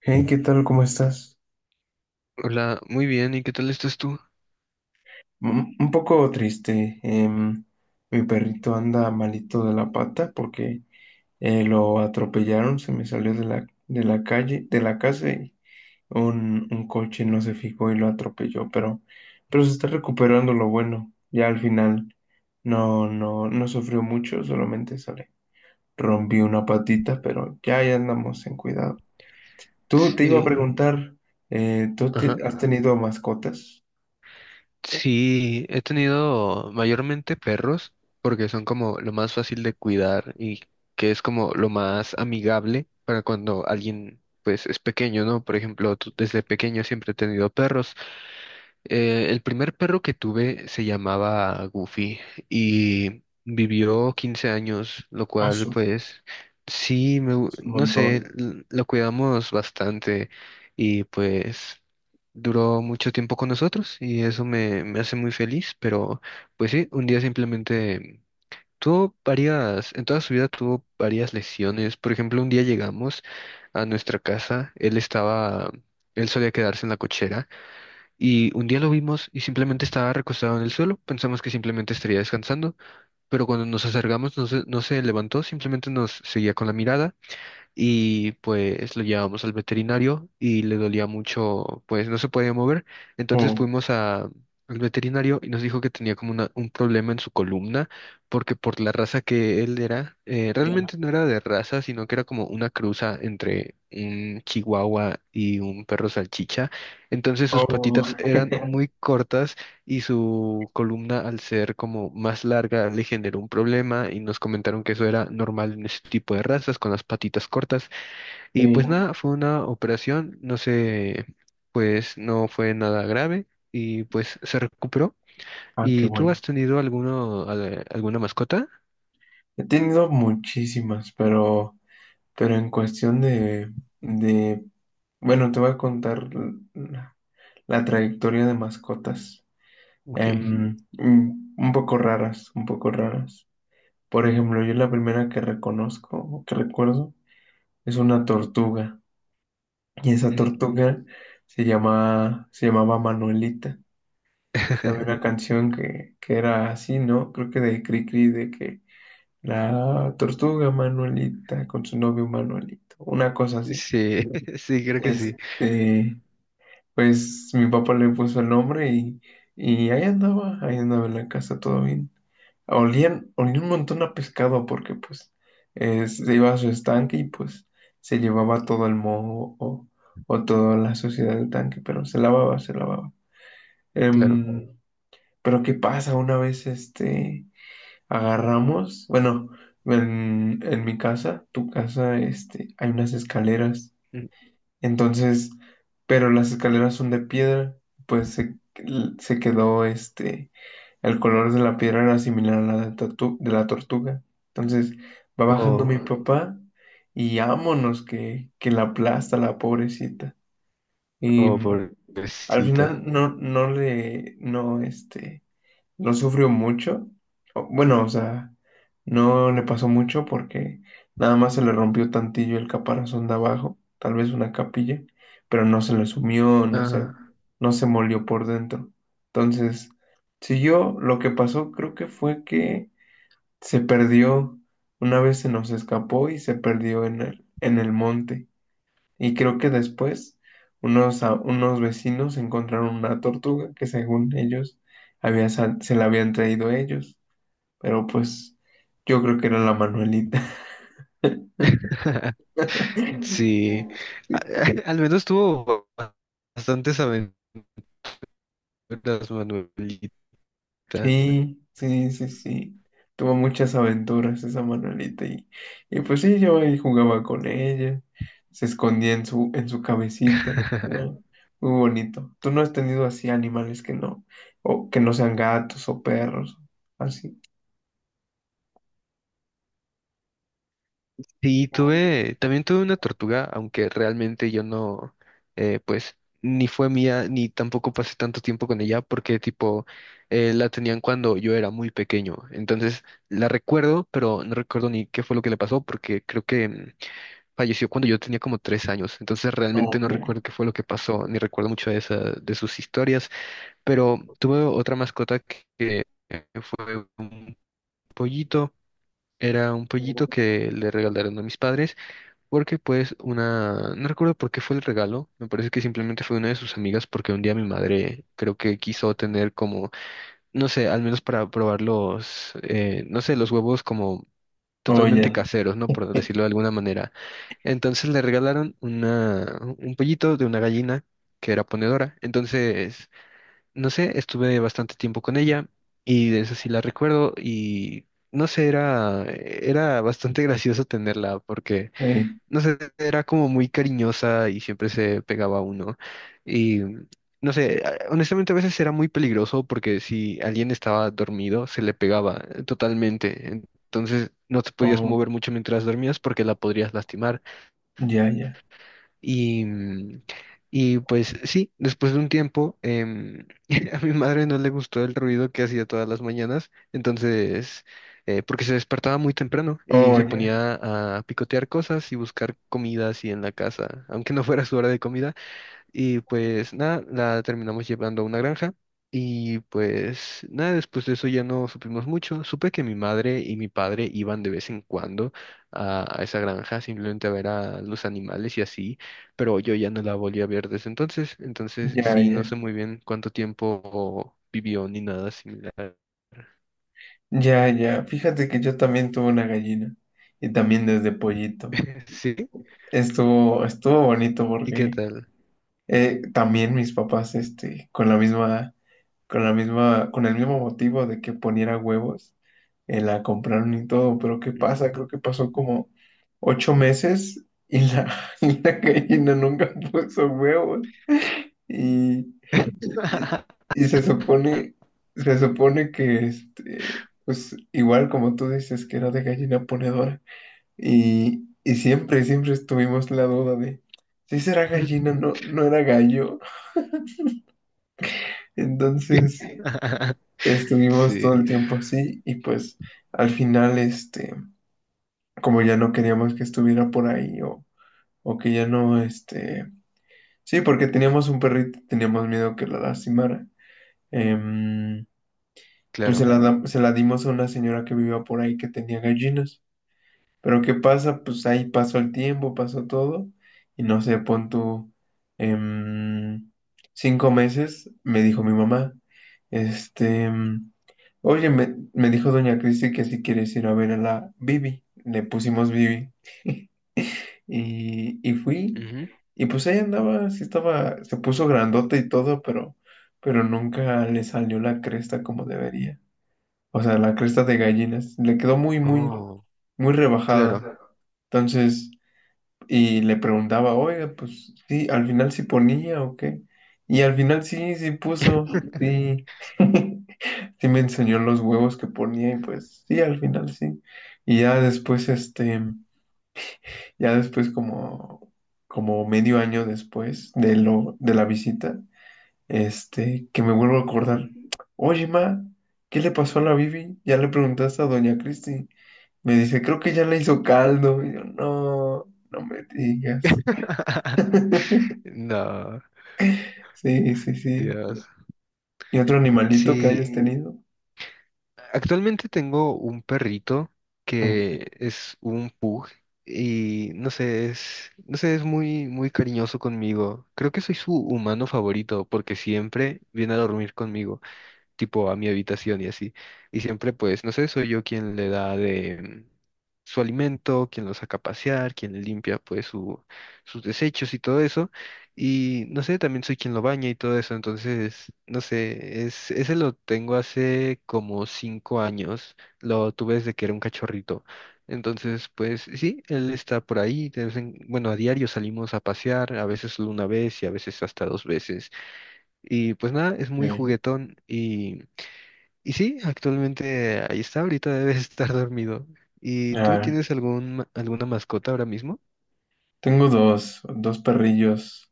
Hey, ¿qué tal? ¿Cómo estás? Hola, muy bien, ¿y qué tal estás tú? Mm, un poco triste. Mi perrito anda malito de la pata porque lo atropellaron. Se me salió de la calle, de la casa, y un coche no se fijó y lo atropelló, pero se está recuperando, lo bueno. Ya al final no sufrió mucho, solamente sale. Rompió una patita, pero ya, ya andamos en cuidado. Tú te iba a Sí, preguntar, ¿tú ajá. has tenido mascotas? Sí, he tenido mayormente perros porque son como lo más fácil de cuidar y que es como lo más amigable para cuando alguien pues es pequeño, ¿no? Por ejemplo, desde pequeño siempre he tenido perros. El primer perro que tuve se llamaba Goofy y vivió 15 años, lo Ah. cual pues sí, Es un no sé, montón. Lo cuidamos bastante y pues duró mucho tiempo con nosotros y eso me hace muy feliz, pero pues sí, un día simplemente en toda su vida tuvo varias lesiones. Por ejemplo, un día llegamos a nuestra casa, él solía quedarse en la cochera y un día lo vimos y simplemente estaba recostado en el suelo. Pensamos que simplemente estaría descansando, pero cuando nos acercamos no se levantó, simplemente nos seguía con la mirada y pues lo llevamos al veterinario y le dolía mucho, pues no se podía mover. Entonces Oh, al veterinario y nos dijo que tenía como un problema en su columna porque por la raza que él era, ya. realmente no era de raza, sino que era como una cruza entre un chihuahua y un perro salchicha. Entonces sus Oh, patitas eran muy cortas y su columna, al ser como más larga, le generó un problema y nos comentaron que eso era normal en ese tipo de razas, con las patitas cortas. Y sí. pues nada, fue una operación, no sé, pues no fue nada grave y pues se recuperó. Ah, qué ¿Y tú has bueno. tenido alguno, alguna mascota? He tenido muchísimas, pero en cuestión de, bueno, te voy a contar la, la trayectoria de mascotas. Ok. Un poco raras, un poco raras. Por ejemplo, yo la primera que reconozco, o que recuerdo, es una tortuga. Y esa Ujú. tortuga se llamaba Manuelita. Es que había una canción que era así, ¿no? Creo que de Cricri, de que la tortuga Manuelita con su novio Manuelito, una cosa así. Sí, sí, creo que sí, Este, pues mi papá le puso el nombre, y ahí andaba en la casa, todo bien. Olía un montón a pescado porque pues se iba a su estanque, y pues se llevaba todo el moho o toda la suciedad del tanque, pero se lavaba, se lavaba. claro. Em, pero ¿qué pasa? Una vez este agarramos, bueno, en mi casa, tu casa, este, hay unas escaleras. Mm. Entonces, pero las escaleras son de piedra, pues se quedó este, el color de la piedra era similar a la de la tortuga. Entonces, va bajando Oh, mi papá y ámonos que la aplasta la pobrecita. Y oh, al final pobrecita. no no sufrió mucho. Bueno, o sea, no le pasó mucho porque nada más se le rompió tantillo el caparazón de abajo, tal vez una capilla, pero no se le sumió, Ajá. no se molió por dentro. Entonces, siguió. Lo que pasó creo que fue que se perdió, una vez se nos escapó y se perdió en el monte. Y creo que después unos vecinos encontraron una tortuga que según ellos se la habían traído ellos, pero pues yo creo que era la Manuelita. Sí, a- al menos tuvo bastantes aventuras, Manuelita. Sí, sí, sí, sí. Tuvo muchas aventuras esa Manuelita, y pues sí, yo ahí jugaba con ella, se escondía en su cabecita. ¿No? Muy bonito. ¿Tú no has tenido así animales que no, o que no sean gatos o perros, así? Sí, también tuve una tortuga, aunque realmente yo no, pues, ni fue mía, ni tampoco pasé tanto tiempo con ella, porque tipo, la tenían cuando yo era muy pequeño. Entonces, la recuerdo, pero no recuerdo ni qué fue lo que le pasó, porque creo que falleció cuando yo tenía como 3 años. Entonces, realmente no Ok. recuerdo qué fue lo que pasó, ni recuerdo mucho de de sus historias. Pero tuve otra mascota que fue un pollito. Era un pollito que le regalaron a mis padres porque pues no recuerdo por qué fue el regalo, me parece que simplemente fue una de sus amigas porque un día mi madre creo que quiso tener como, no sé, al menos para probar no sé, los huevos como totalmente Oye, caseros, ¿no? Por decirlo de alguna manera. Entonces le regalaron un pollito de una gallina que era ponedora. Entonces no sé, estuve bastante tiempo con ella y de eso sí la recuerdo y no sé, era bastante gracioso tenerla porque, eh, no sé, era como muy cariñosa y siempre se pegaba a uno. Y no sé, honestamente a veces era muy peligroso porque si alguien estaba dormido se le pegaba totalmente. Entonces no te podías oh, mover mucho mientras dormías porque la podrías lastimar. ya, ya, Y, mm, y pues sí, después de un tiempo, a mi madre no le gustó el ruido que hacía todas las mañanas, entonces, porque se despertaba muy temprano y oh, se ya, ponía a picotear cosas y buscar comida así en la casa, aunque no fuera su hora de comida, y pues nada, la terminamos llevando a una granja. Y pues nada, después de eso ya no supimos mucho. Supe que mi madre y mi padre iban de vez en cuando a esa granja simplemente a ver a los animales y así, pero yo ya no la volví a ver desde entonces. Entonces ya, sí, ya, no sé muy bien cuánto tiempo vivió ni nada similar. ya, ya. Fíjate que yo también tuve una gallina y también desde pollito. ¿Sí? Estuvo bonito ¿Y qué porque tal? También mis papás, este, con el mismo motivo de que poniera huevos, la compraron y todo. Pero ¿qué Ujú. pasa? Creo que pasó como 8 meses y la, y la gallina nunca puso huevos. Y, y- y se supone que este, pues igual como tú dices que era de gallina ponedora. Y siempre, siempre estuvimos la duda de si será gallina, no era gallo. Entonces estuvimos todo Sí, el tiempo así, y pues al final, este, como ya no queríamos que estuviera por ahí, o que ya no, este, sí, porque teníamos un perrito, teníamos miedo que la lastimara. em, pues se la, claro. da- se la dimos a una señora que vivía por ahí que tenía gallinas. Pero ¿qué pasa? Pues ahí pasó el tiempo, pasó todo, y no sé, pon tú, em, 5 meses. Me dijo mi mamá, este, oye, me dijo doña Cristi que si quieres ir a ver a la Bibi. Le pusimos Bibi, y fui, Ujú. y pues ahí andaba, sí estaba, se puso grandota y todo, pero nunca le salió la cresta como debería. O sea, la cresta de gallinas. Le quedó muy, muy, Oh, muy claro. rebajada. Entonces, y le preguntaba, oiga, pues sí, al final sí ponía o qué. Y al final sí, sí puso, sí. Sí me enseñó los huevos que ponía y pues sí, al final sí. Y ya después, este, ya después como medio año después de la visita, este, que me vuelvo a Ujú. acordar, oye, ma, ¿qué le pasó a la Bibi? Ya le preguntaste a doña Cristi. Me dice, creo que ya le hizo caldo. Y yo, no, no me digas. No, Sí, sí, sí. Dios. ¿Y otro animalito que hayas, Sí, ok, tenido? actualmente tengo un perrito que es un pug y no sé, es muy, muy cariñoso conmigo. Creo que soy su humano favorito porque siempre viene a dormir conmigo, tipo a mi habitación y así. Y siempre, pues, no sé, soy yo quien le da de su alimento, quien lo saca a pasear, quien le limpia, pues, sus desechos y todo eso. Y no sé, también soy quien lo baña y todo eso. Entonces, no sé, ese lo tengo hace como 5 años. Lo tuve desde que era un cachorrito. Entonces, pues sí, él está por ahí. Bueno, a diario salimos a pasear, a veces solo una vez y a veces hasta dos veces. Y pues nada, es muy Ok. juguetón y sí, actualmente ahí está, ahorita debe estar dormido. ¿Y tú Ah, tienes algún, alguna mascota ahora mismo? tengo dos perrillos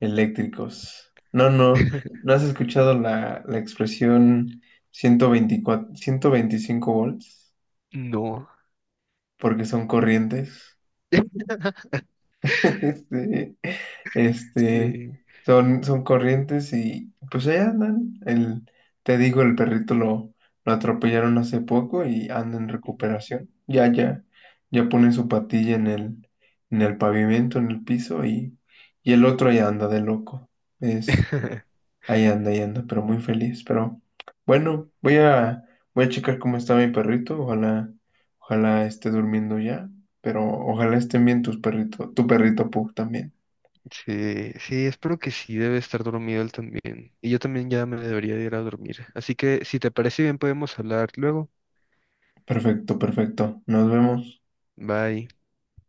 eléctricos. No, no, ¿no has escuchado la expresión 124, 125 volts? No. Porque son corrientes. Sí, este, Sí. son corrientes y pues ahí andan. Te digo, el perrito lo atropellaron hace poco y anda en Ujú. recuperación. Ya, ya, ya pone su patilla en el pavimento, en el piso, y el otro ya anda de loco. Ahí anda, pero muy feliz. Pero bueno, voy a checar cómo está mi perrito. Ojalá, ojalá esté durmiendo ya. Pero ojalá estén bien tus perritos, tu perrito Pug también. Sí, sí, espero que sí, debe estar dormido él también. Y yo también ya me debería de ir a dormir. Así que si te parece bien, podemos hablar luego. Perfecto, perfecto. Nos vemos. Bye.